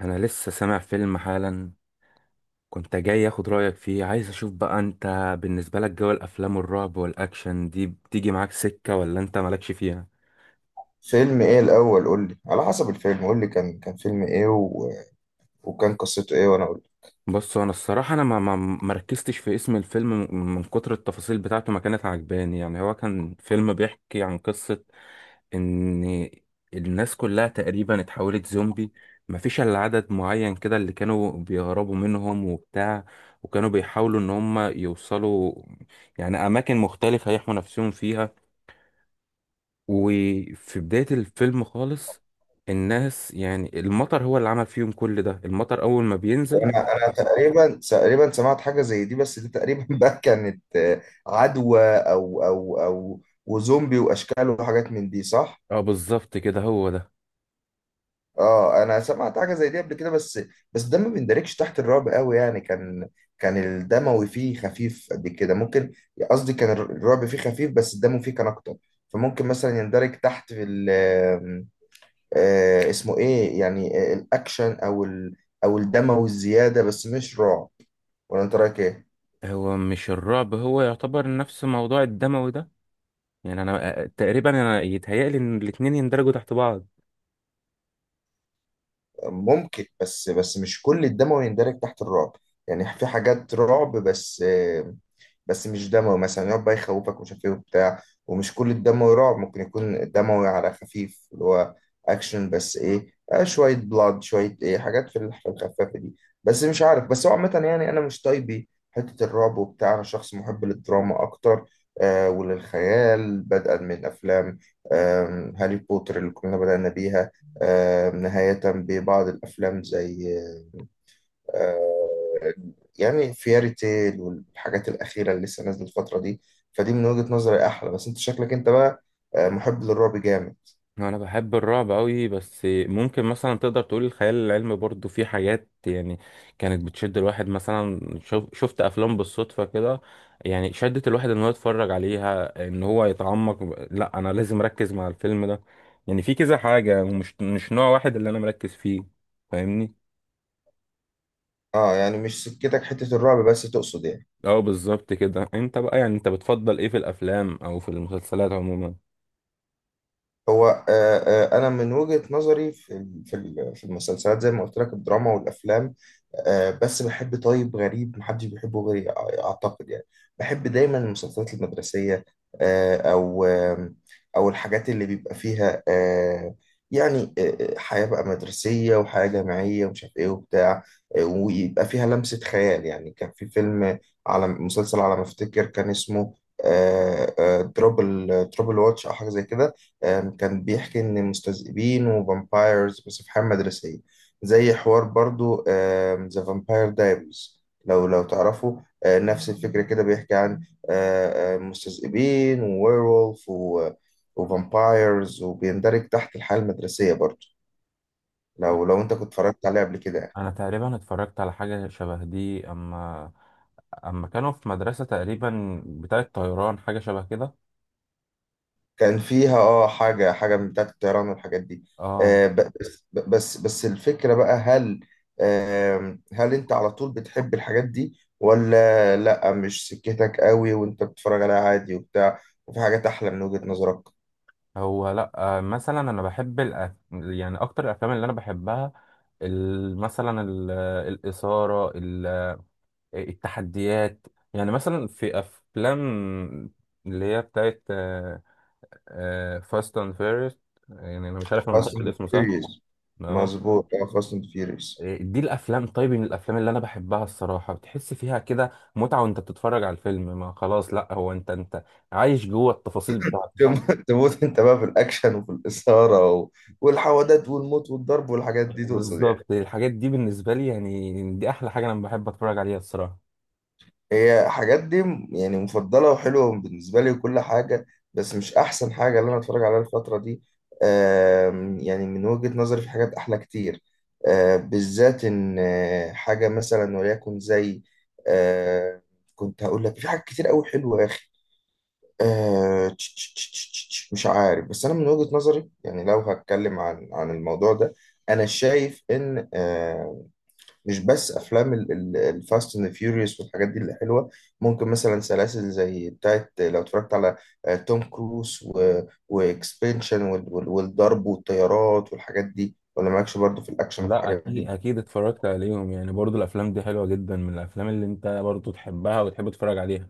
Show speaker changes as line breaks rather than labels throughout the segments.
انا لسه سامع فيلم حالا، كنت جاي اخد رايك فيه. عايز اشوف بقى انت بالنسبه لك جو الافلام والرعب والاكشن دي بتيجي معاك سكه ولا انت مالكش فيها؟
فيلم ايه الاول؟ قول لي على حسب الفيلم، قول لي كان فيلم ايه وكان قصته ايه وانا اقول لك.
بص انا الصراحه، انا ما ركزتش في اسم الفيلم من كتر التفاصيل بتاعته ما كانت عجباني. يعني هو كان فيلم بيحكي عن قصه ان الناس كلها تقريبا اتحولت زومبي، مفيش الا عدد معين كده اللي كانوا بيهربوا منهم وبتاع، وكانوا بيحاولوا ان هم يوصلوا يعني اماكن مختلفة يحموا نفسهم فيها. وفي بداية الفيلم خالص الناس، يعني المطر هو اللي عمل فيهم كل ده، المطر اول ما بينزل.
وانا تقريبا سمعت حاجه زي دي، بس دي تقريبا بقى كانت عدوى او وزومبي واشكال وحاجات من دي، صح.
اه بالظبط كده، هو ده.
اه، انا سمعت حاجه زي دي قبل كده، بس ده ما بيندرجش تحت الرعب قوي، يعني كان الدموي فيه خفيف قد كده، ممكن قصدي كان الرعب فيه خفيف بس الدم فيه كان اكتر. فممكن مثلا يندرج تحت في اسمه ايه، يعني الاكشن او الدموي الزياده، بس مش رعب. ولا انت رايك ايه؟
هو مش الرعب هو يعتبر نفس موضوع الدموي ده، يعني انا تقريبا انا يتهيألي ان الاتنين يندرجوا تحت بعض.
ممكن، بس مش كل الدموي يندرج تحت الرعب. يعني في حاجات رعب بس مش دموي، مثلا يقعد بقى يخوفك ومش عارف ايه وبتاع، ومش كل الدموي رعب، ممكن يكون دموي على خفيف اللي هو اكشن بس ايه، شويه بلاد شويه ايه حاجات في الخفافه دي. بس مش عارف، بس هو عامه يعني انا مش طيبي حته الرعب وبتاع، انا شخص محب للدراما اكتر، وللخيال، بدءا من افلام هاري بوتر اللي كنا بدأنا بيها، نهاية ببعض الأفلام زي آه يعني فياري تيل والحاجات الأخيرة اللي لسه نازلة الفترة دي. فدي من وجهة نظري أحلى، بس أنت شكلك أنت بقى محب للرعب جامد.
انا بحب الرعب قوي، بس ممكن مثلا تقدر تقول الخيال العلمي برضو في حاجات يعني كانت بتشد الواحد. مثلا شوف، شفت افلام بالصدفة كده يعني شدت الواحد ان هو يتفرج عليها، ان هو يتعمق، لا انا لازم اركز مع الفيلم ده. يعني في كذا حاجة، ومش مش نوع واحد اللي انا مركز فيه، فاهمني؟
أه، يعني مش سكتك حتة الرعب بس، تقصد يعني.
اه بالظبط كده. انت بقى يعني انت بتفضل ايه في الافلام او في المسلسلات عموما؟
هو آه، آه، انا من وجهة نظري في المسلسلات زي ما قلت لك الدراما والافلام، بس بحب طيب غريب محدش بيحبه غيري، اعتقد يعني. بحب دايما المسلسلات المدرسية، آه، او آم، او الحاجات اللي بيبقى فيها يعني حياة بقى مدرسية وحياة جامعية ومش عارف ايه وبتاع، ويبقى فيها لمسة خيال. يعني كان في فيلم على مسلسل، على ما افتكر كان اسمه دروبل تروبل واتش او حاجة زي كده. كان بيحكي إن مستذئبين وفامبايرز بس في حياة مدرسية، زي حوار برضو ذا فامباير دايريز لو تعرفوا. نفس الفكرة كده، بيحكي عن مستذئبين وويرولف وفامبايرز، وبيندرج تحت الحياة المدرسية برضو. لو أنت كنت اتفرجت عليه قبل كده يعني.
انا تقريبا اتفرجت على حاجة شبه دي، اما كانوا في مدرسة تقريبا بتاعة طيران، حاجة شبه كده.
كان فيها اه حاجة من بتاعة الطيران والحاجات دي.
اه.
آه، ب- بس الفكرة بقى، هل انت على طول بتحب الحاجات دي ولا لا مش سكتك قوي وانت بتتفرج عليها عادي وبتاع؟ وفي حاجات احلى من وجهة نظرك؟
هو لا، آه مثلا انا بحب الأف... يعني اكتر الافلام اللي انا بحبها ال... مثلا ال... الاثارة، ال... التحديات. يعني مثلا في افلام اللي هي بتاعة فاست اند فيريس، يعني انا مش عارف انا
فاست
نطقت
اند
الاسم صح.
فيوريوس.
اه،
مظبوط، اه، فاست اند فيوريوس.
دي الافلام. طيب من الافلام اللي انا بحبها الصراحه، بتحس فيها كده متعه وانت بتتفرج على الفيلم، ما خلاص لا، هو انت عايش جوه التفاصيل بتاعته.
تموت انت بقى في الاكشن وفي الاثارة و- والحوادث والموت والضرب والحاجات دي، تقصد يعني.
بالظبط، الحاجات دي بالنسبه لي يعني دي احلى حاجه انا بحب اتفرج عليها الصراحه.
هي حاجات دي يعني مفضلة وحلوة بالنسبة لي وكل حاجة، بس مش أحسن حاجة اللي أنا أتفرج عليها الفترة دي. يعني من وجهة نظري في حاجات أحلى كتير، بالذات إن حاجة مثلا وليكن زي آه، كنت هقول لك في حاجات كتير أوي حلوة يا أخي. آه، تش- تش- تش- تش- تش- تش، مش عارف، بس أنا من وجهة نظري، يعني لو هتكلم عن الموضوع ده، أنا شايف إن مش بس افلام الفاست اند فيوريوس والحاجات دي اللي حلوه، ممكن مثلا سلاسل زي بتاعت لو اتفرجت على توم كروز واكسبنشن والضرب والطيارات والحاجات دي. ولا مالكش برضو في الاكشن وفي
لا
الحاجات
اكيد
دي؟
اكيد، اتفرجت عليهم يعني، برضو الافلام دي حلوه جدا من الافلام اللي انت برضو تحبها وتحب تتفرج عليها.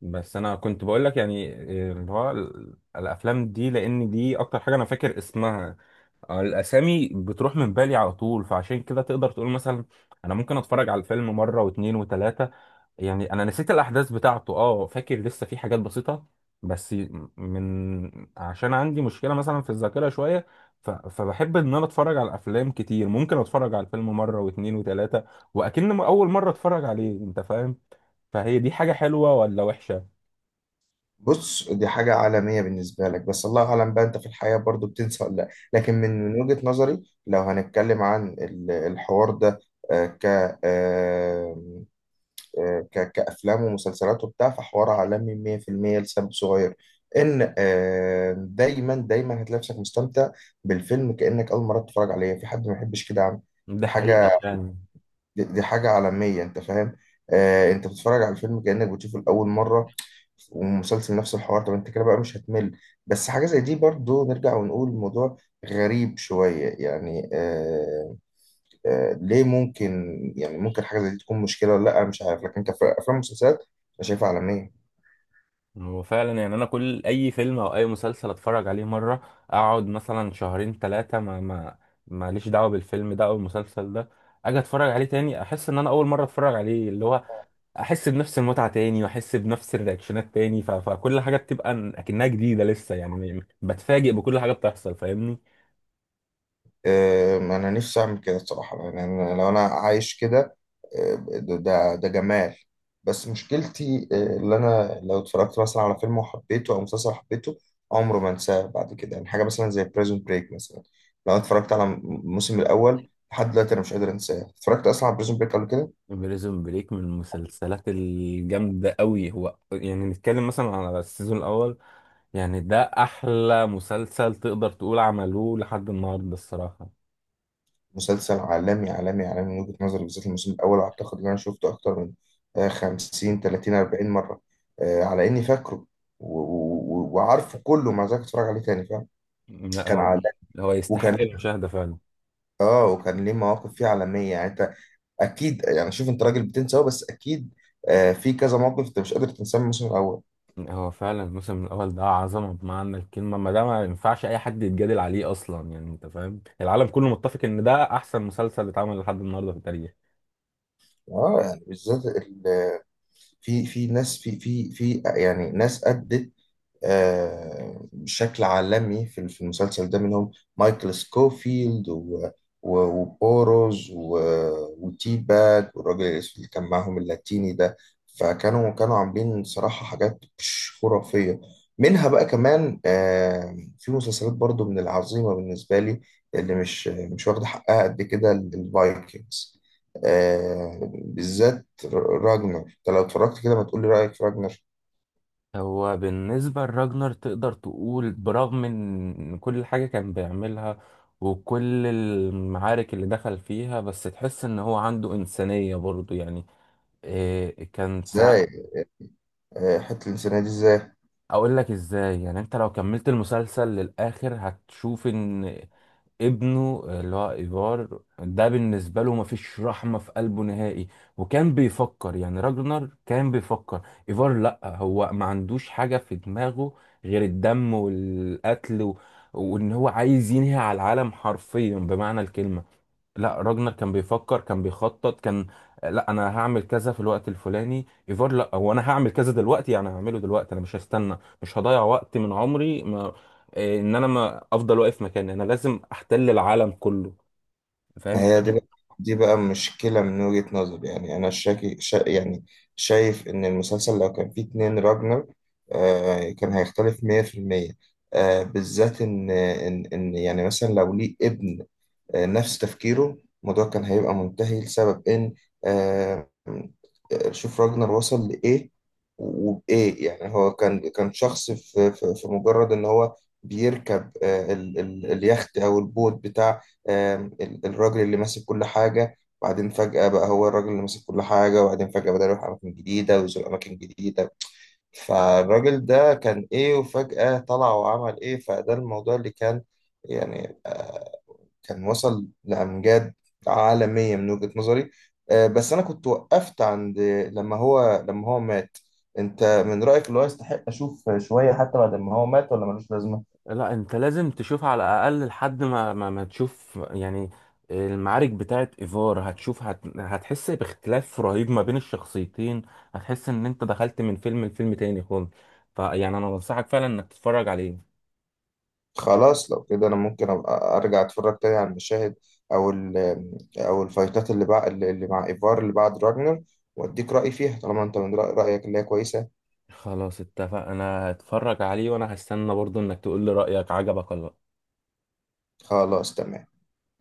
بس انا كنت بقول لك يعني إيه اللي هو ال- الافلام دي، لان دي اكتر حاجه انا فاكر اسمها. الاسامي بتروح من بالي على طول، فعشان كده تقدر تقول مثلا انا ممكن اتفرج على الفيلم مره واتنين وتلاته، يعني انا نسيت الاحداث بتاعته. اه فاكر لسه في حاجات بسيطه، بس من عشان عندي مشكله مثلا في الذاكره شويه، ف... فبحب ان انا اتفرج على افلام كتير. ممكن اتفرج على الفيلم مره واتنين وتلاته واكن اول مره اتفرج عليه، انت فاهم؟ فهي دي حاجه حلوه ولا وحشه؟
بص، دي حاجة عالمية بالنسبة لك، بس الله أعلم بقى أنت في الحياة برضو بتنسى ولا لأ. لكن من وجهة نظري، لو هنتكلم عن الحوار ده آه، ك آه، آه، ك- كأفلام ومسلسلات وبتاع، فحوار عالمي 100% لسبب صغير، إن دايما دايما هتلاقي نفسك مستمتع بالفيلم كأنك أول مرة تتفرج عليه. في حد ما يحبش كده يا عم؟
ده
دي
حقيقه
حاجة
يعني.
دي حاجة عالمية، أنت فاهم. أنت بتتفرج على الفيلم كأنك بتشوفه لأول مرة، ومسلسل نفس الحوار. طب أنت كده بقى مش هتمل؟ بس حاجة زي دي، برضو نرجع ونقول الموضوع غريب شوية يعني، ليه؟ ممكن يعني، ممكن حاجة زي دي تكون مشكلة ولا لأ، مش عارف. لكن كأفلام ومسلسلات أنا شايفها عالمية.
هو فعلا يعني انا كل اي فيلم او اي مسلسل اتفرج عليه مره، اقعد مثلا شهرين ثلاثه ما ماليش دعوه بالفيلم ده او المسلسل ده، اجي اتفرج عليه تاني احس ان انا اول مره اتفرج عليه، اللي هو احس بنفس المتعه تاني واحس بنفس الرياكشنات تاني. ف... فكل حاجه بتبقى ن- اكنها جديده لسه يعني، م- بتفاجئ بكل حاجه بتحصل، فاهمني؟
أنا نفسي أعمل كده الصراحة، يعني لو أنا عايش كده، ده جمال. بس مشكلتي اللي أنا لو اتفرجت مثلا على فيلم وحبيته أو مسلسل حبيته، عمره ما أنساه بعد كده. يعني حاجة مثلا زي بريزون بريك مثلا، لو أنا اتفرجت على الموسم الأول لحد دلوقتي أنا مش قادر أنساه. اتفرجت أصلا على بريزون بريك قبل كده؟
بريزون بريك من المسلسلات الجامده قوي هو، يعني نتكلم مثلا على السيزون الاول يعني ده احلى مسلسل تقدر تقول عملوه لحد النهارده الصراحه.
مسلسل عالمي عالمي عالمي من وجهة نظري، بالذات الموسم الأول. أعتقد إن أنا شفته أكتر من 50 30 40 مرة، على إني فاكره و- و- و- وعارفه كله، مع ذلك أتفرج عليه تاني، فاهم؟
لا
كان
هو،
عالمي.
هو
وكان
يستحق المشاهده فعلا.
وكان ليه مواقف فيه عالمية يعني. أنت أكيد يعني، شوف أنت راجل بتنسى أهو، بس أكيد في كذا موقف أنت مش قادر تنساه من الموسم الأول.
هو فعلا الموسم الاول ده عظمه بمعنى الكلمه، ما ده ما ينفعش اي حد يتجادل عليه اصلا يعني، انت فاهم العالم كله متفق ان ده احسن مسلسل اتعمل لحد النهارده في التاريخ.
آه، يعني بالذات في ناس في في في يعني ناس أدت بشكل عالمي في في المسلسل ده، منهم مايكل سكوفيلد و- و- وبوروز و- وتي باك والراجل الأسود اللي كان معاهم اللاتيني ده. فكانوا عاملين صراحة حاجات مش خرافية. منها بقى كمان في مسلسلات برضو من العظيمة بالنسبة لي اللي مش واخدة حقها قد كده، الفايكنجز، بالذات راجنر. انت لو اتفرجت كده، ما تقولي رأيك في راجنر.
هو بالنسبة لراجنر تقدر تقول برغم ان كل حاجة كان بيعملها وكل المعارك اللي دخل فيها، بس تحس ان هو عنده إنسانية برضه يعني، إيه كان ساعات.
ازاي؟ حتة الإنسانية دي إزاي؟
اقول لك ازاي. يعني انت لو كملت المسلسل للآخر هتشوف ان ابنه اللي هو ايفار ده بالنسبه له مفيش رحمه في قلبه نهائي. وكان بيفكر يعني، راجنر كان بيفكر ايفار لا هو ما عندوش حاجه في دماغه غير الدم والقتل و... وان هو عايز ينهي على العالم حرفيا بمعنى الكلمه. لا راجنر كان بيفكر، كان بيخطط، كان لا انا هعمل كذا في الوقت الفلاني. ايفار لا، هو انا هعمل كذا دلوقتي يعني، هعمله دلوقتي انا مش هستنى، مش هضيع وقت من عمري، ما إيه، ان انا ما افضل واقف مكاني، انا لازم احتل العالم كله،
ما
فاهم؟
هي دي مم. بقى دي بقى مشكلة من وجهة نظري. يعني أنا شاكي شا يعني شايف إن المسلسل لو كان فيه اتنين راجنر كان هيختلف 100%. بالذات إن يعني مثلا لو ليه ابن نفس تفكيره، الموضوع كان هيبقى منتهي لسبب إن آه، شوف راجنر وصل لإيه وبإيه. يعني هو كان شخص في مجرد إن هو بيركب آه، ال ال اليخت أو البوت بتاع آه، الراجل اللي ماسك كل حاجة، وبعدين فجأة بقى هو الراجل اللي ماسك كل حاجة، وبعدين فجأة بدأ يروح أماكن جديدة ويزور أماكن جديدة. فالراجل ده كان إيه وفجأة طلع وعمل إيه؟ فده الموضوع اللي كان يعني كان وصل لأمجاد عالمية من وجهة نظري. بس أنا كنت وقفت عند لما هو مات. أنت من رأيك اللي هو يستحق أشوف شوية حتى بعد ما هو مات، ولا ملوش لازمة؟
لا انت لازم تشوف على الاقل لحد ما تشوف يعني المعارك بتاعت ايفار. هتشوف، هت... هتحس باختلاف رهيب ما بين الشخصيتين، هتحس ان انت دخلت من فيلم لفيلم تاني خالص. فيعني انا بنصحك فعلا انك تتفرج عليه.
خلاص، لو كده أنا ممكن أبقى أرجع أتفرج تاني على المشاهد، أو ال أو الفايتات اللي بقى اللي مع إيفار اللي بعد راجنر، وأديك رأيي فيها طالما أنت من رأيك اللي هي كويسة.
خلاص اتفق، انا هتفرج عليه وانا هستنى برضو انك تقول لي رأيك عجبك ولا لأ.
خلاص تمام.